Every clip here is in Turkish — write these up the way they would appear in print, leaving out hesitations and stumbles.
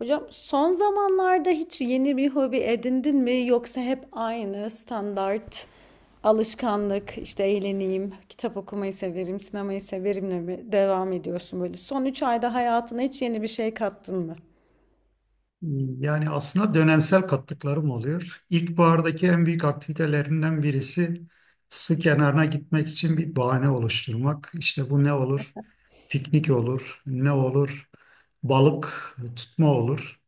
Hocam son zamanlarda hiç yeni bir hobi edindin mi yoksa hep aynı standart alışkanlık işte eğleneyim, kitap okumayı severim, sinemayı severimle mi devam ediyorsun böyle? Son 3 ayda hayatına hiç yeni bir şey kattın mı? Yani aslında dönemsel katlıklarım oluyor. İlkbahardaki en büyük aktivitelerinden birisi su kenarına gitmek için bir bahane oluşturmak. İşte bu ne olur? Piknik olur, ne olur? Balık tutma olur.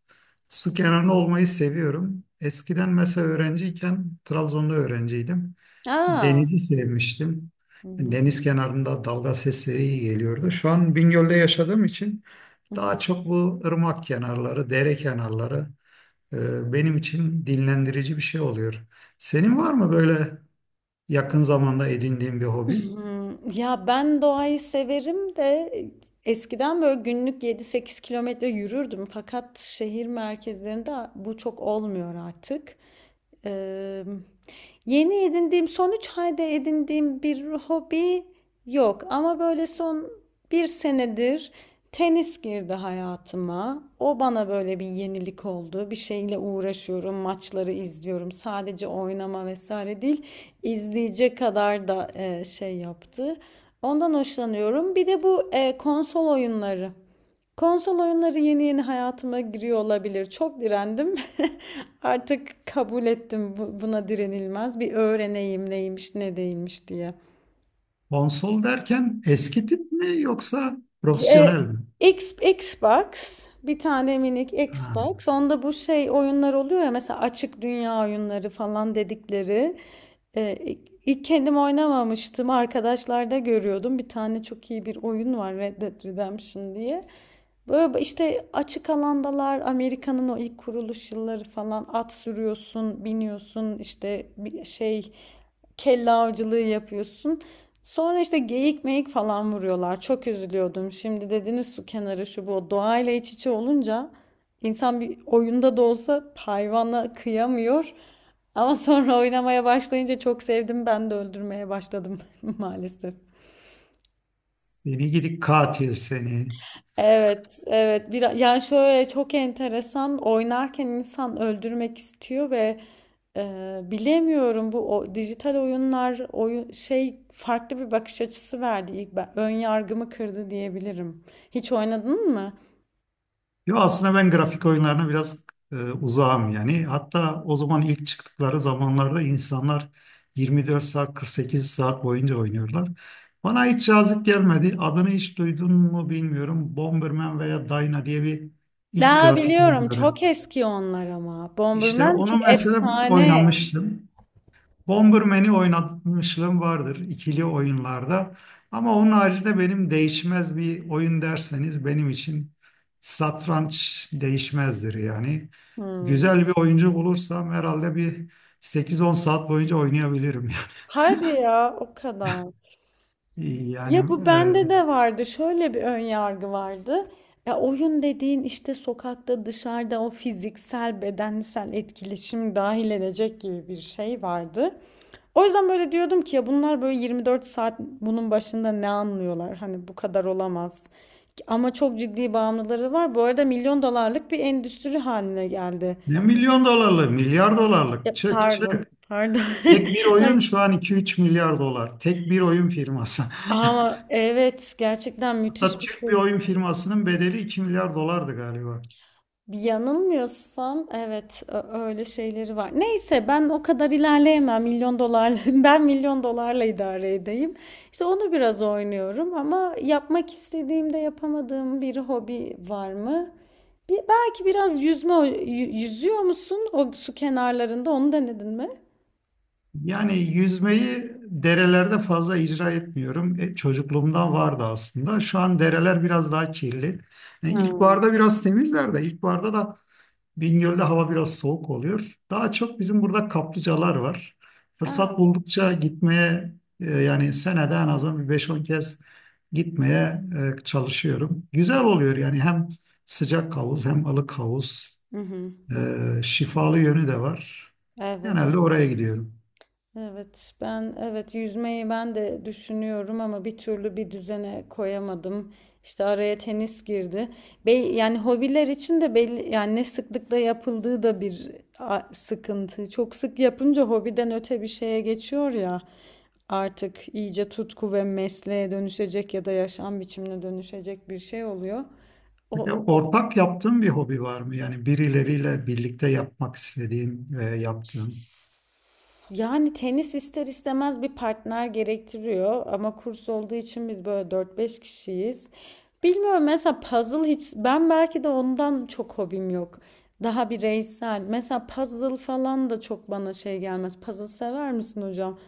Su kenarında olmayı seviyorum. Eskiden mesela öğrenciyken, Trabzon'da öğrenciydim. Aa. Denizi sevmiştim. Hı Deniz kenarında dalga sesleri iyi geliyordu. Şu an Bingöl'de yaşadığım için hı. daha çok bu ırmak kenarları, dere kenarları benim için dinlendirici bir şey oluyor. Senin var mı böyle yakın zamanda edindiğin bir hobi? Ya ben doğayı severim de eskiden böyle günlük 7-8 kilometre yürürdüm. Fakat şehir merkezlerinde bu çok olmuyor artık. Eee, Yeni edindiğim, son 3 ayda edindiğim bir hobi yok. Ama böyle son bir senedir tenis girdi hayatıma. O bana böyle bir yenilik oldu. Bir şeyle uğraşıyorum, maçları izliyorum. Sadece oynama vesaire değil, izleyecek kadar da şey yaptı. Ondan hoşlanıyorum. Bir de bu konsol oyunları. Konsol oyunları yeni yeni hayatıma giriyor olabilir. Çok direndim. Artık kabul ettim, buna direnilmez. Bir öğreneyim neymiş ne değilmiş diye. Konsol derken eski tip mi yoksa E, profesyonel mi? Xbox, bir tane minik Ha, Xbox. Onda bu şey oyunlar oluyor ya, mesela açık dünya oyunları falan dedikleri. E, ilk kendim oynamamıştım. Arkadaşlarda görüyordum. Bir tane çok iyi bir oyun var, Red Dead Redemption diye. Böyle işte açık alandalar, Amerika'nın o ilk kuruluş yılları falan, at sürüyorsun, biniyorsun, işte bir şey kelle avcılığı yapıyorsun. Sonra işte geyik meyik falan vuruyorlar. Çok üzülüyordum. Şimdi dediniz su kenarı şu bu, doğayla iç içe olunca insan bir oyunda da olsa hayvanla kıyamıyor. Ama sonra oynamaya başlayınca çok sevdim. Ben de öldürmeye başladım maalesef. seni gidik katil seni. Evet, evet. Bir, yani şöyle çok enteresan, oynarken insan öldürmek istiyor ve e, bilemiyorum, bu dijital oyun şey farklı bir bakış açısı verdi. İlk ben, ön yargımı kırdı diyebilirim. Hiç oynadın mı? Yo, aslında ben grafik oyunlarına biraz uzağım yani. Hatta o zaman ilk çıktıkları zamanlarda insanlar 24 saat 48 saat boyunca oynuyorlar. Bana hiç cazip gelmedi. Adını hiç duydun mu bilmiyorum. Bomberman veya Dyna diye bir ilk Daha grafik biliyorum, oyunları. çok eski onlar ama. İşte Bomberman çok onu mesela efsane. oynamıştım. Bomberman'i oynatmışlığım vardır ikili oyunlarda. Ama onun haricinde benim değişmez bir oyun derseniz benim için satranç değişmezdir yani. Hmm. Güzel bir oyuncu bulursam herhalde bir sekiz on saat boyunca oynayabilirim. Hadi ya, o kadar. Yani Ya bu bende e, de vardı. Şöyle bir ön yargı vardı. Ya oyun dediğin işte sokakta, dışarıda, o fiziksel, bedensel etkileşim dahil edecek gibi bir şey vardı. O yüzden böyle diyordum ki ya bunlar böyle 24 saat bunun başında ne anlıyorlar? Hani bu kadar olamaz. Ama çok ciddi bağımlıları var. Bu arada milyon dolarlık bir endüstri haline geldi. Ne milyon dolarlık, milyar Ya dolarlık çık çık. pardon, pardon. Tek bir oyun Ay, şu an iki üç milyar dolar. Tek bir oyun firması. ama evet, gerçekten Hatta müthiş bir Türk şey. bir oyun firmasının bedeli 2 milyar dolardı galiba. Yanılmıyorsam evet, öyle şeyleri var. Neyse, ben o kadar ilerleyemem milyon dolar, ben milyon dolarla idare edeyim. İşte onu biraz oynuyorum. Ama yapmak istediğimde yapamadığım bir hobi var mı? Bir, belki biraz yüzme, yüzüyor musun o su kenarlarında, onu denedin mi? Yani yüzmeyi derelerde fazla icra etmiyorum. E, çocukluğumdan vardı aslında. Şu an dereler biraz daha kirli. Yani Ha. ilkbaharda biraz temizler de ilkbaharda da Bingöl'de hava biraz soğuk oluyor. Daha çok bizim burada kaplıcalar var. Fırsat Ha. buldukça gitmeye yani senede en azından bir beş on kez gitmeye çalışıyorum. Güzel oluyor yani hem sıcak havuz hem ılık havuz. Hı hı. E, şifalı yönü de var. Evet. Genelde oraya gidiyorum. Evet, ben evet yüzmeyi ben de düşünüyorum ama bir türlü bir düzene koyamadım. İşte araya tenis girdi. Be yani hobiler için de belli, yani ne sıklıkla yapıldığı da bir sıkıntı. Çok sık yapınca hobiden öte bir şeye geçiyor ya. Artık iyice tutku ve mesleğe dönüşecek ya da yaşam biçimine dönüşecek bir şey oluyor. Peki O, ortak yaptığın bir hobi var mı? Yani birileriyle birlikte yapmak istediğin ve yaptığın. Yani tenis ister istemez bir partner gerektiriyor ama kurs olduğu için biz böyle dört beş kişiyiz. Bilmiyorum, mesela puzzle hiç ben, belki de ondan çok hobim yok. Daha bireysel. Mesela puzzle falan da çok bana şey gelmez. Puzzle sever misin hocam?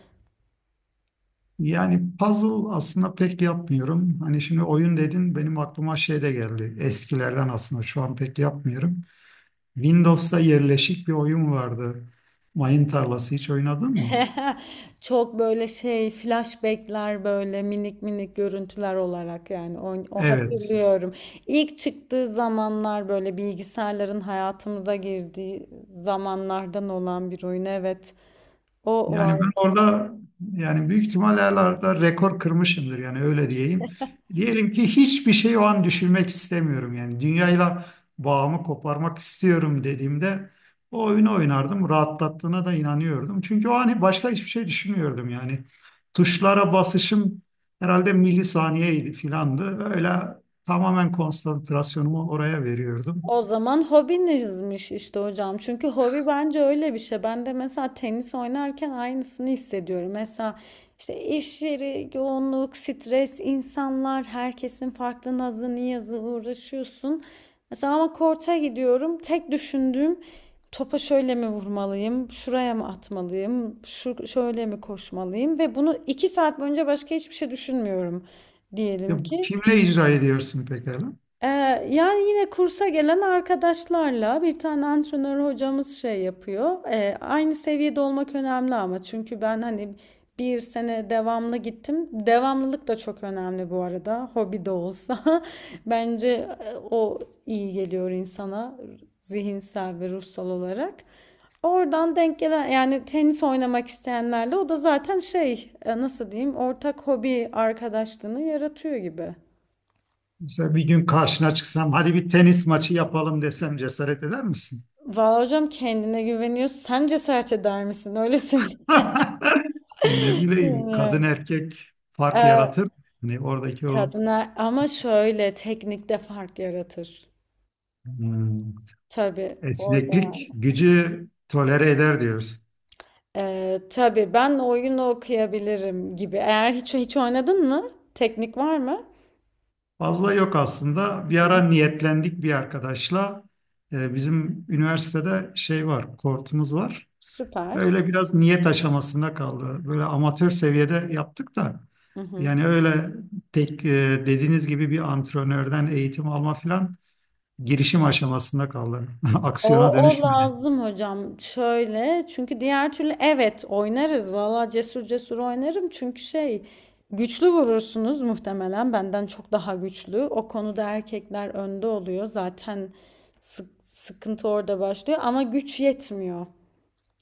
Yani puzzle aslında pek yapmıyorum. Hani şimdi oyun dedin benim aklıma şey de geldi. Eskilerden aslında şu an pek yapmıyorum. Windows'ta yerleşik bir oyun vardı. Mayın tarlası hiç oynadın mı? Çok böyle şey, flashbackler, böyle minik minik görüntüler olarak, yani o Evet. hatırlıyorum. İlk çıktığı zamanlar, böyle bilgisayarların hayatımıza girdiği zamanlardan olan bir oyun, evet. O Yani ben vardı. orada yani büyük ihtimal herhalde rekor kırmışımdır yani öyle diyeyim. Diyelim ki hiçbir şey o an düşünmek istemiyorum yani dünyayla bağımı koparmak istiyorum dediğimde o oyunu oynardım. Rahatlattığına da inanıyordum. Çünkü o an başka hiçbir şey düşünmüyordum yani. Tuşlara basışım herhalde milisaniyeydi filandı. Öyle tamamen konsantrasyonumu oraya veriyordum. O zaman hobinizmiş işte hocam. Çünkü hobi bence öyle bir şey. Ben de mesela tenis oynarken aynısını hissediyorum. Mesela işte iş yeri, yoğunluk, stres, insanlar, herkesin farklı nazı, niyazı, uğraşıyorsun. Mesela ama korta gidiyorum. Tek düşündüğüm topa şöyle mi vurmalıyım, şuraya mı atmalıyım, şu şöyle mi koşmalıyım ve bunu 2 saat boyunca başka hiçbir şey düşünmüyorum, diyelim Ya, ki. kimle icra ediyorsun pekala? Ee, Yani yine kursa gelen arkadaşlarla, bir tane antrenör hocamız şey yapıyor. Aynı seviyede olmak önemli ama, çünkü ben hani bir sene devamlı gittim. Devamlılık da çok önemli bu arada. Hobi de olsa. Bence o iyi geliyor insana, zihinsel ve ruhsal olarak. Oradan denk gelen, yani tenis oynamak isteyenlerle, o da zaten şey, nasıl diyeyim, ortak hobi arkadaşlığını yaratıyor gibi. Mesela bir gün karşına çıksam hadi bir tenis maçı yapalım desem cesaret eder misin? Valla hocam kendine güveniyor. Sen cesaret eder misin? Öyle söyleyeyim. Ne bileyim, kadın Yani. erkek fark Ee, yaratır. Hani oradaki o Kadına ama şöyle teknikte fark yaratır. hmm, Tabii orada yani. esneklik gücü tolere eder diyoruz. Tabii ben oyun okuyabilirim gibi. Eğer hiç oynadın mı? Teknik var mı? Fazla yok aslında. Bir Hı. ara niyetlendik bir arkadaşla. Bizim üniversitede şey var, kortumuz var. Süper. Öyle biraz niyet aşamasında kaldı. Böyle amatör seviyede yaptık da. Hı hı. Yani öyle tek e, dediğiniz gibi bir antrenörden eğitim alma filan girişim aşamasında kaldı. E, O, Aksiyona o dönüşmedi. lazım hocam. Şöyle çünkü, diğer türlü evet oynarız. Valla cesur cesur oynarım. Çünkü şey, güçlü vurursunuz muhtemelen, benden çok daha güçlü. O konuda erkekler önde oluyor. Zaten sıkıntı orada başlıyor ama güç yetmiyor.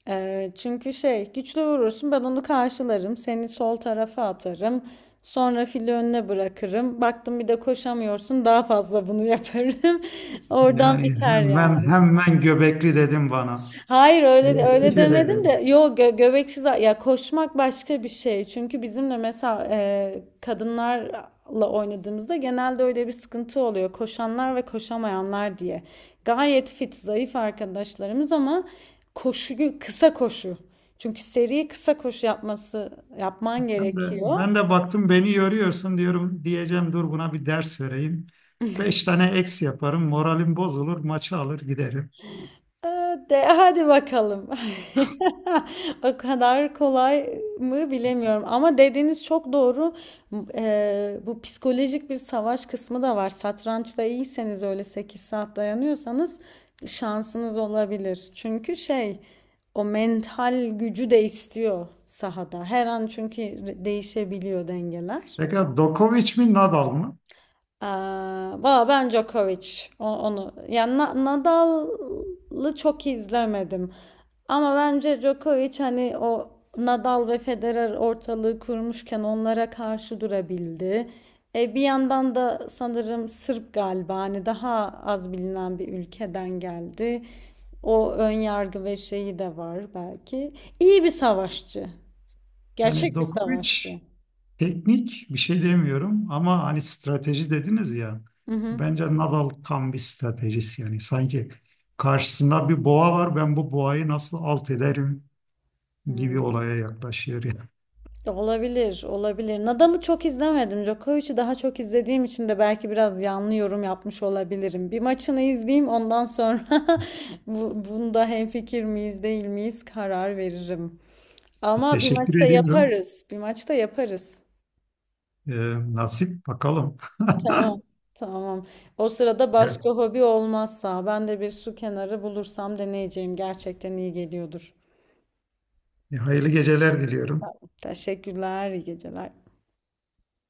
Çünkü şey, güçlü vurursun, ben onu karşılarım. Seni sol tarafa atarım. Sonra fili önüne bırakırım. Baktım bir de koşamıyorsun, daha fazla bunu yaparım. Oradan Yani biter yani. hemen hemen göbekli dedim bana. Hayır, öyle öyle Teşekkür demedim de, ederim. yok göbeksiz, ya koşmak başka bir şey. Çünkü bizimle mesela, kadınlarla oynadığımızda genelde öyle bir sıkıntı oluyor. Koşanlar ve koşamayanlar diye. Gayet fit, zayıf arkadaşlarımız ama koşuyu kısa koşu. Çünkü seri kısa koşu yapman Ben de, gerekiyor. ben de baktım beni yoruyorsun diyorum diyeceğim dur buna bir ders vereyim. Beş tane eks yaparım moralim bozulur maçı alır giderim. De, hadi bakalım. O kadar kolay mı, bilemiyorum. Ama dediğiniz çok doğru. M- Bu psikolojik bir savaş kısmı da var. Satrançta iyiyseniz, öyle 8 saat dayanıyorsanız şansınız olabilir. Çünkü şey, o mental gücü de istiyor sahada. Her an çünkü değişebiliyor dengeler. Pekala Dokovic mi Nadal mı? Valla ben Djokovic, onu yani, Nadal'ı çok izlemedim ama bence Djokovic hani o Nadal ve Federer ortalığı kurmuşken onlara karşı durabildi. Bir yandan da sanırım Sırp galiba, hani daha az bilinen bir ülkeden geldi. O ön yargı ve şeyi de var belki. İyi bir savaşçı. Hani Gerçek bir Dokovic savaşçı. teknik bir şey demiyorum ama hani strateji dediniz ya. Hı hı. Bence Nadal tam bir stratejist yani sanki karşısında bir boğa var ben bu boğayı nasıl alt ederim gibi Hı. olaya yaklaşıyor. Yani. Olabilir, olabilir. Nadal'ı çok izlemedim. Djokovic'i daha çok izlediğim için de belki biraz yanlış yorum yapmış olabilirim. Bir maçını izleyeyim, ondan sonra bunda hemfikir miyiz, değil miyiz karar veririm. Ama bir Teşekkür maçta ediyorum. yaparız. Bir maçta yaparız. Ee, Nasip bakalım. Tamam, tamam. O sırada başka hobi olmazsa ben de bir su kenarı bulursam deneyeceğim. Gerçekten iyi geliyordur. Hayırlı geceler diliyorum. Tamam, teşekkürler, iyi geceler.